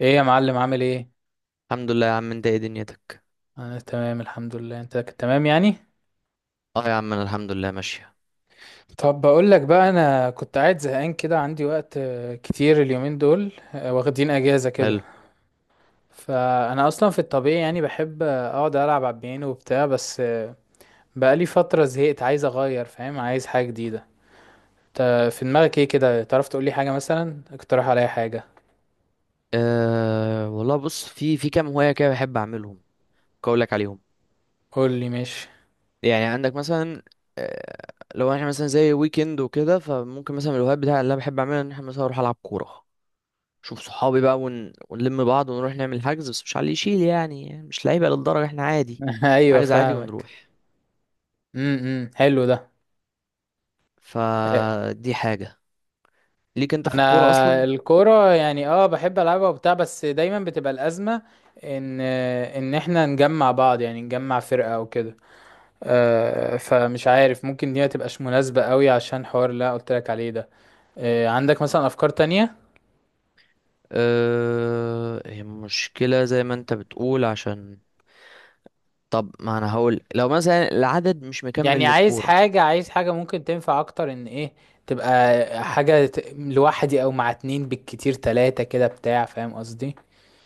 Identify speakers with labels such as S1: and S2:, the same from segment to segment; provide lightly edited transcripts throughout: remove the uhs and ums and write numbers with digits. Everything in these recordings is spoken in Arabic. S1: ايه يا معلم، عامل ايه؟
S2: الحمد لله يا عم، انت ايه دنيتك؟
S1: انا تمام الحمد لله. انت كنت تمام يعني؟
S2: اه يا عم، انا الحمد لله ماشية.
S1: طب بقول لك بقى، انا كنت قاعد زهقان كده، عندي وقت كتير اليومين دول، واخدين اجازة كده.
S2: حلو.
S1: فانا اصلا في الطبيعي يعني بحب اقعد العب على البيانو وبتاع، بس بقالي فترة زهقت، عايز اغير، فاهم؟ عايز حاجة جديدة. انت في دماغك ايه كده؟ تعرف تقول لي حاجة؟ مثلا اقترح عليا حاجة.
S2: أه والله بص، في كام هواية كده بحب اعملهم، اقولك عليهم.
S1: قول لي ماشي.
S2: يعني عندك مثلا، أه، لو احنا مثلا زي ويكند وكده، فممكن مثلا من الهوايات بتاعي اللي انا بحب اعملها ان احنا مثلا اروح العب كورة، اشوف صحابي بقى، ونلم بعض ونروح نعمل حجز، بس مش على اللي يشيل، يعني مش لعيبة للدرجة، احنا عادي.
S1: ايوه
S2: حجز عادي
S1: فاهمك.
S2: ونروح.
S1: حلو ده. آه،
S2: فدي حاجة. ليك انت في الكورة
S1: انا
S2: اصلا؟
S1: الكوره يعني بحب العبها وبتاع، بس دايما بتبقى الازمه ان احنا نجمع بعض، يعني نجمع فرقه او كده. فمش عارف، ممكن دي ما تبقاش مناسبه قوي عشان حوار اللي أنا قلت لك عليه ده. عندك مثلا افكار تانية؟
S2: أه، هي مشكلة زي ما انت بتقول، عشان طب ما انا هقول، لو مثلا العدد مش
S1: يعني
S2: مكمل
S1: عايز
S2: للكورة.
S1: حاجه عايز حاجه ممكن تنفع اكتر، ان ايه، تبقى حاجه لوحدي او مع اتنين بالكتير تلاتة كده بتاع، فاهم قصدي؟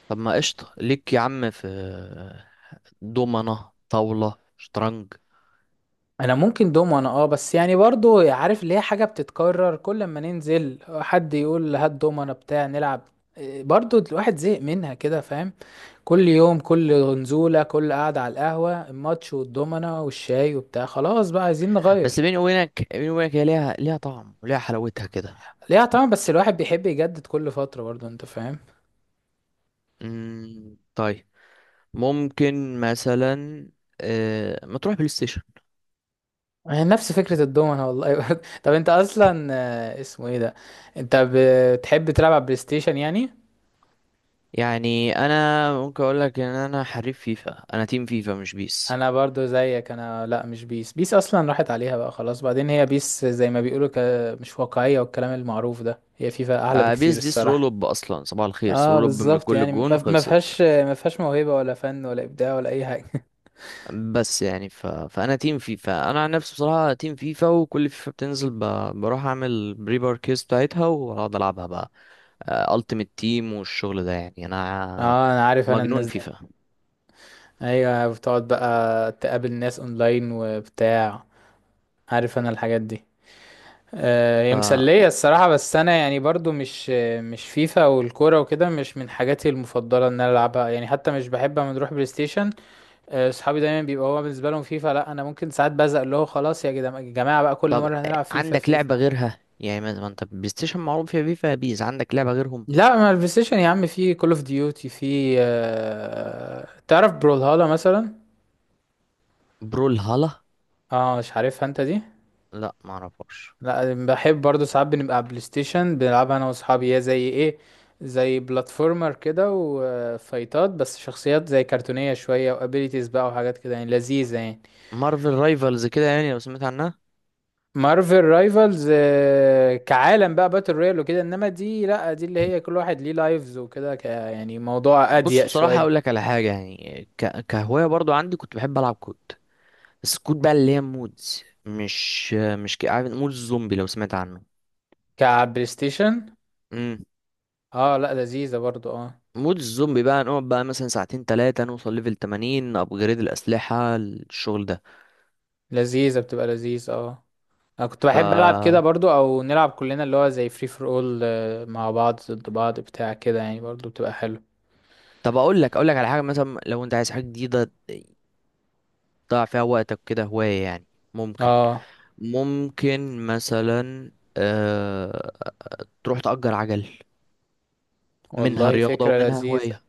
S2: طب ما قشطة، ليك يا عم في دومنة، طاولة، شطرنج.
S1: انا ممكن دومنة، بس يعني برضو عارف اللي هي حاجه بتتكرر، كل ما ننزل حد يقول هات دومنة بتاع نلعب. إيه، برضو الواحد زهق منها كده، فاهم؟ كل يوم، كل نزوله، كل قعده على القهوه، الماتش والدومنة والشاي وبتاع، خلاص بقى عايزين
S2: بس
S1: نغير.
S2: بيني وبينك، بيني وبينك هي ليها طعم وليها حلاوتها كده.
S1: ليها طبعا، بس الواحد بيحب يجدد كل فتره برضو، انت فاهم.
S2: طيب، ممكن مثلا، ما تروح بلاي ستيشن.
S1: يعني نفس فكره الدومنة والله، برضو. طب انت اصلا اسمه ايه ده، انت بتحب تلعب على بلاي ستيشن يعني؟
S2: يعني انا ممكن اقول لك ان انا حريف فيفا، انا تيم فيفا مش بيس.
S1: انا برضو زيك، انا لا مش بيس. بيس اصلا راحت عليها بقى خلاص. بعدين هي بيس زي ما بيقولوا مش واقعية والكلام المعروف ده. هي فيفا احلى بكتير
S2: بيس دي
S1: الصراحة.
S2: سرولوب اصلا، صباح الخير،
S1: اه
S2: سرولوب، من
S1: بالظبط،
S2: كل
S1: يعني
S2: الجون
S1: ما
S2: خلصت.
S1: فيهاش موهبة ولا فن ولا ابداع ولا اي حاجة.
S2: بس يعني فانا تيم فيفا، انا عن نفسي بصراحه تيم فيفا، وكل فيفا بتنزل بروح اعمل بري باركيز بتاعتها واقعد العبها بقى، التيمت تيم والشغل ده، يعني انا
S1: اه انا عارف، انا الناس
S2: مجنون
S1: دي
S2: فيفا.
S1: ايوه، بتقعد بقى تقابل ناس اونلاين وبتاع، عارف انا الحاجات دي.
S2: ف
S1: هي مسلية الصراحة، بس أنا يعني برضو مش فيفا والكورة وكده مش من حاجاتي المفضلة إن أنا ألعبها يعني. حتى مش بحب أما نروح بلاي ستيشن. صحابي دايما بيبقى هو بالنسبه لهم فيفا، لا انا ممكن ساعات بزق اللي هو خلاص يا جماعه بقى، كل
S2: طب
S1: مره هنلعب فيفا
S2: عندك
S1: فيفا.
S2: لعبه غيرها؟ يعني ما انت بلاي ستيشن معروف فيها فيفا بيز، عندك لعبه غيرهم؟
S1: لا، ما البلاي ستيشن يا عم في كول اوف ديوتي، في تعرف بrawlhalla مثلا؟
S2: برول هالا،
S1: اه مش عارفها انت دي؟
S2: لا ما اعرفهاش.
S1: لا بحب برضو، ساعات بنبقى على بلاي ستيشن بنلعبها انا واصحابي. هي زي ايه، زي بلاتفورمر كده وفايتات، بس شخصيات زي كرتونيه شويه، وابيليتيز بقى وحاجات كده يعني لذيذه يعني.
S2: مارفل رايفلز كده يعني، لو سمعت عنها.
S1: مارفل رايفلز كعالم بقى باتل رويال وكده، انما دي لا، دي اللي هي كل واحد ليه لايفز وكده، ك يعني موضوع
S2: بص
S1: اضيق
S2: بصراحه
S1: شويه.
S2: اقول لك على حاجه، يعني كهوايه برضو عندي، كنت بحب العب كود سكوت بقى، اللي هي مودز، مش عارف مودز زومبي؟ لو سمعت عنه.
S1: كبلاي ستيشن؟
S2: امم،
S1: اه لا لذيذه برضو اه.
S2: مودز الزومبي بقى نقعد بقى مثلا ساعتين تلاتة، نوصل ليفل 80، ابجريد الأسلحة، الشغل ده.
S1: لذيذه، بتبقى لذيذ اه. انا كنت
S2: ف
S1: بحب العب كده برضو، او نلعب كلنا اللي هو زي فري فور اول مع بعض، ضد بعض بتاع كده، يعني برضو بتبقى حلو.
S2: طب اقول لك، اقول لك على حاجة، مثلا لو انت عايز حاجة جديدة تضيع فيها وقتك كده، هواية يعني، ممكن،
S1: اه
S2: ممكن مثلا، آه... تروح تأجر عجل. منها
S1: والله
S2: رياضة
S1: فكره
S2: ومنها
S1: لذيذه.
S2: هواية.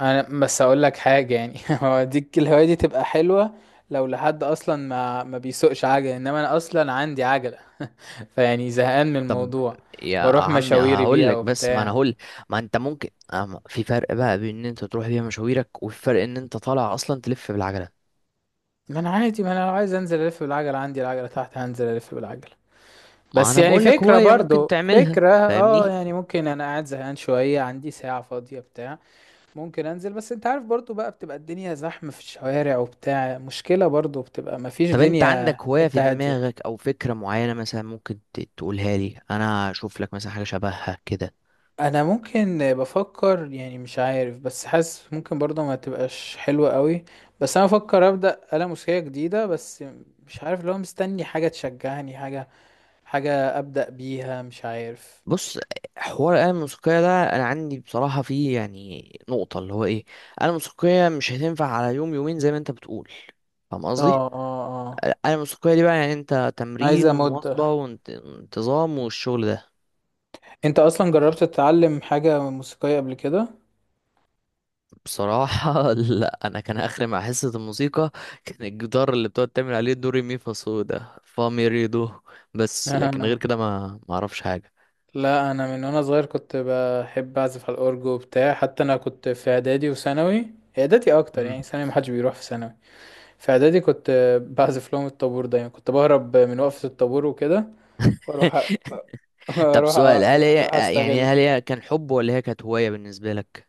S1: انا بس اقول لك حاجه يعني، هو ديك الهوايه دي تبقى حلوه لو لحد اصلا ما بيسوقش عجله، انما انا اصلا عندي عجله. فيعني زهقان من
S2: طب
S1: الموضوع،
S2: يا
S1: بروح
S2: عمي
S1: مشاويري
S2: هقول
S1: بيها
S2: لك، بس ما انا
S1: وبتاع.
S2: هقول، ما انت ممكن، أما في فرق بقى بين ان انت تروح بيها مشاويرك وفي فرق ان انت طالع اصلا تلف بالعجله.
S1: ما انا عادي، ما انا لو عايز انزل الف بالعجله عندي العجله تحت، هنزل الف بالعجله.
S2: ما
S1: بس
S2: انا
S1: يعني
S2: بقول لك
S1: فكره،
S2: هوايه ممكن
S1: برضو
S2: تعملها،
S1: فكره اه
S2: فاهمني؟
S1: يعني، ممكن انا قاعد زهقان شويه، عندي ساعه فاضيه بتاع، ممكن انزل. بس انت عارف برضو بقى بتبقى الدنيا زحمه في الشوارع وبتاع، مشكله برضو، بتبقى مفيش
S2: طب انت
S1: دنيا
S2: عندك هوايه في
S1: حته هاديه.
S2: دماغك او فكره معينه مثلا ممكن تقولها لي، انا اشوف لك مثلا حاجه شبهها كده.
S1: انا ممكن بفكر يعني، مش عارف، بس حاسس ممكن برضه ما تبقاش حلوة قوي، بس انا بفكر ابدا آلة موسيقية جديدة. بس مش عارف، لو مستني حاجة تشجعني، حاجة، حاجة ابدا بيها، مش عارف.
S2: بص، حوار الآلة الموسيقية ده أنا عندي بصراحة فيه يعني نقطة، اللي هو إيه، الآلة الموسيقية مش هتنفع على يوم يومين زي ما أنت بتقول، فاهم
S1: اه
S2: قصدي؟
S1: اه اه.
S2: انا الموسيقيه دي بقى يعني انت تمرين
S1: عايزة
S2: ومواظبه
S1: مدة.
S2: وانتظام والشغل ده.
S1: انت اصلا جربت تتعلم حاجة موسيقية قبل كده؟
S2: بصراحه لا، انا كان اخري مع حصه الموسيقى كان الجدار اللي بتقعد تعمل عليه دوري مي فا صو ده فا مي ري دو. بس لكن
S1: آه.
S2: غير كده ما اعرفش حاجه.
S1: لا انا من وانا صغير كنت بحب اعزف على الاورج وبتاع. حتى انا كنت في اعدادي وثانوي، اعدادي اكتر
S2: مم.
S1: يعني، ثانوي محدش بيروح. في ثانوي، في اعدادي كنت بعزف لهم الطابور. دايما كنت بهرب من وقفة الطابور وكده، واروح أ-
S2: طب
S1: اروح
S2: سؤال، هل
S1: أ-
S2: هي،
S1: اروح
S2: يعني
S1: استغل.
S2: هل هي كان حب ولا هي كانت هوايه بالنسبه لك؟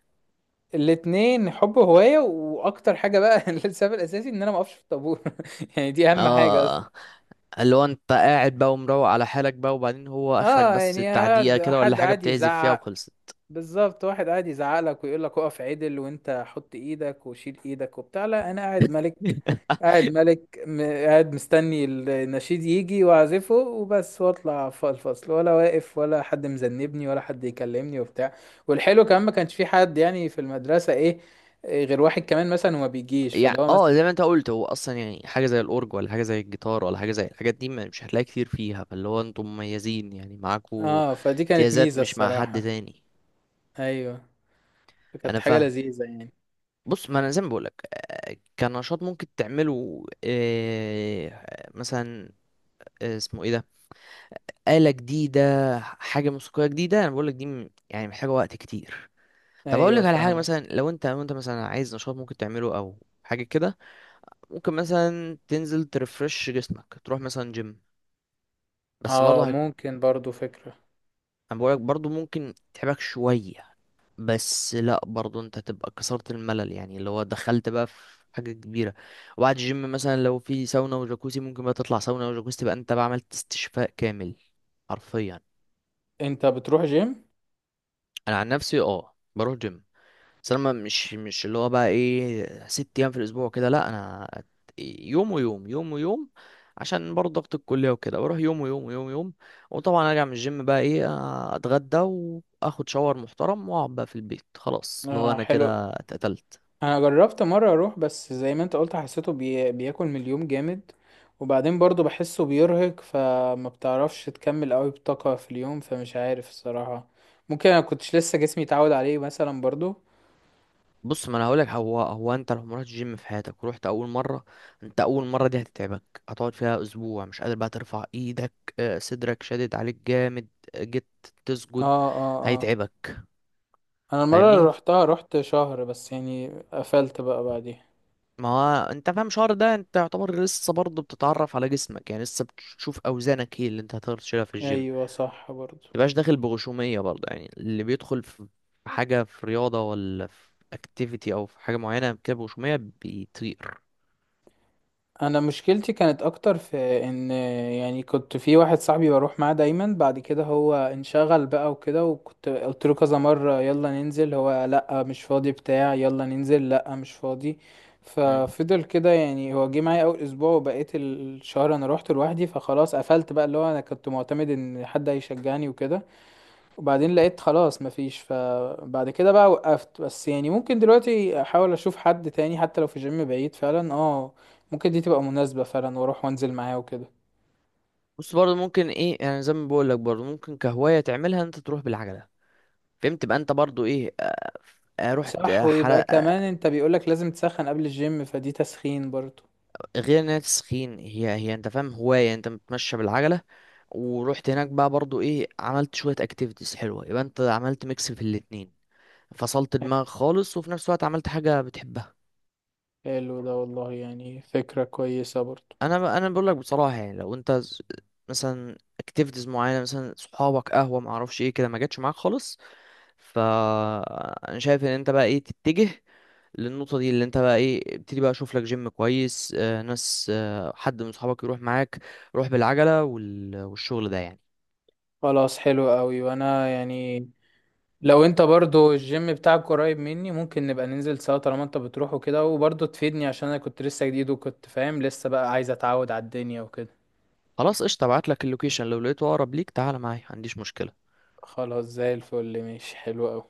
S1: الاتنين، حب، هواية، واكتر حاجة بقى السبب الاساسي ان انا ما اقفش في الطابور. يعني دي اهم حاجة اصلا.
S2: اه، اللي هو انت قاعد بقى ومروق على حالك بقى، وبعدين هو اخرك
S1: اه
S2: بس
S1: يعني
S2: بتاع دقيقه كده ولا
S1: حد
S2: حاجه
S1: قاعد
S2: بتعزف فيها
S1: يزعق.
S2: وخلصت.
S1: بالظبط، واحد قاعد يزعق لك ويقول لك اقف عدل، وانت حط ايدك وشيل ايدك وبتاع. لا انا قاعد ملك، قاعد ملك، قاعد مستني النشيد يجي واعزفه وبس، واطلع الفصل، ولا واقف ولا حد مذنبني ولا حد يكلمني وبتاع. والحلو كمان ما كانش في حد يعني في المدرسة ايه، إيه، غير واحد كمان مثلا وما بيجيش فاللي
S2: يعني
S1: هو
S2: اه،
S1: مثلا.
S2: زي ما انت قلت، هو اصلا يعني حاجه زي الاورج، ولا حاجه زي الجيتار، ولا حاجه زي الحاجات دي مش هتلاقي كتير فيها، فاللي هو انتم مميزين يعني معاكوا
S1: اه فدي كانت
S2: امتيازات
S1: ميزة
S2: مش مع حد
S1: الصراحة.
S2: تاني.
S1: ايوه، كانت
S2: انا
S1: حاجة
S2: فاهم.
S1: لذيذة يعني.
S2: بص ما انا زي ما بقولك، كنشاط ممكن تعمله، مثلا، اسمه ايه ده، آلة جديدة، حاجة موسيقية جديدة، انا بقولك دي يعني محتاجة وقت كتير. طب
S1: ايوه
S2: اقولك على حاجة،
S1: فاهمك.
S2: مثلا لو انت، لو انت مثلا عايز نشاط ممكن تعمله او حاجة كده، ممكن مثلا تنزل ترفرش جسمك، تروح مثلا جيم. بس
S1: اه
S2: برضه
S1: ممكن برضو فكرة.
S2: انا بقولك برضه ممكن تتعبك شوية، بس لا برضه انت تبقى كسرت الملل، يعني اللي هو دخلت بقى في حاجة كبيرة. وبعد الجيم مثلا لو في ساونا وجاكوزي، ممكن بقى تطلع ساونا وجاكوزي، تبقى انت بقى عملت استشفاء كامل حرفيا.
S1: انت بتروح جيم؟
S2: انا عن نفسي اه بروح جيم، بس انا مش اللي هو بقى ايه ست ايام في الاسبوع كده، لا انا يوم ويوم، يوم ويوم، عشان برضه ضغط الكليه وكده، بروح يوم ويوم، ويوم ويوم. وطبعا ارجع من الجيم بقى ايه، اتغدى، واخد شاور محترم، واقعد بقى في البيت، خلاص اللي هو
S1: اه
S2: انا
S1: حلو.
S2: كده اتقتلت.
S1: انا جربت مره اروح، بس زي ما انت قلت حسيته بياكل من اليوم جامد. وبعدين برضو بحسه بيرهق، فما بتعرفش تكمل قوي بطاقه في اليوم، فمش عارف الصراحه. ممكن انا كنتش لسه جسمي اتعود عليه مثلا برضو.
S2: بص ما انا هقولك، هو انت لو ما رحتش جيم في حياتك ورحت اول مره، انت اول مره دي هتتعبك، هتقعد فيها اسبوع مش قادر بقى ترفع ايدك، صدرك شادد عليك جامد، جيت
S1: اه
S2: تسجد
S1: اه اه.
S2: هيتعبك،
S1: انا المره اللي
S2: فاهمني؟
S1: روحتها روحت شهر بس يعني، قفلت بقى بعديها.
S2: ما هو انت فاهم شهر ده انت يعتبر لسه برضه بتتعرف على جسمك، يعني لسه بتشوف اوزانك ايه اللي انت هتقدر تشيلها في الجيم.
S1: ايوه صح برضو.
S2: متبقاش داخل بغشومية برضه، يعني اللي بيدخل في في حاجة، في رياضة ولا في اكتيفيتي او في حاجة معينة كده بغشومية، بيطير.
S1: انا مشكلتي كانت اكتر في ان يعني، كنت في واحد صاحبي بروح معاه دايما. بعد كده هو انشغل بقى وكده، وكنت قلت له كذا مرة يلا ننزل، هو لا مش فاضي بتاع، يلا ننزل، لا مش فاضي.
S2: مم.
S1: ففضل كده يعني، هو جه معايا اول اسبوع وبقيت الشهر انا روحت لوحدي، فخلاص قفلت بقى. اللي هو انا كنت معتمد ان حد هيشجعني وكده، وبعدين لقيت خلاص مفيش، فبعد كده بقى وقفت. بس يعني ممكن دلوقتي احاول اشوف حد تاني، حتى لو في جيم بعيد فعلا اه، ممكن دي تبقى مناسبة فعلا، واروح وانزل معاه وكده.
S2: بص برضه ممكن ايه، يعني زي ما بقول لك برضه ممكن كهواية تعملها ان انت تروح بالعجلة، فهمت؟ تبقى انت برضه ايه، اه، رحت
S1: صح، ويبقى
S2: حلقة.
S1: كمان انت بيقولك لازم تسخن قبل الجيم، فدي تسخين برضو.
S2: غير ان هي تسخين، هي انت فاهم هواية انت بتمشى بالعجلة، ورحت هناك بقى برضو ايه، عملت شوية اكتيفيتيز حلوة، يبقى انت عملت ميكس في الاتنين، فصلت دماغك خالص وفي نفس الوقت عملت حاجة بتحبها.
S1: حلو ده والله يعني، فكرة كويسة برضو.
S2: انا انا بقول لك بصراحة، يعني لو انت مثلا اكتيفيتيز معينة، مثلا صحابك، قهوة، معرفش ايه كده، ما جاتش معاك خالص، فانا شايف ان انت بقى ايه تتجه للنقطة دي، اللي انت بقى ايه ابتدي بقى اشوف لك جيم كويس، ناس، حد من صحابك يروح معاك، روح بالعجلة والشغل ده يعني.
S1: خلاص حلو قوي، وانا يعني لو انت برضو الجيم بتاعك قريب مني ممكن نبقى ننزل سوا، طالما انت بتروح وكده، وبرضو تفيدني، عشان انا كنت لسه جديد وكنت فاهم لسه بقى، عايز اتعود على الدنيا وكده.
S2: خلاص قشطة، ابعت لك اللوكيشن، لو لقيته اقرب ليك تعال معايا، ما عنديش مشكلة.
S1: خلاص زي الفل ماشي، حلو أوي.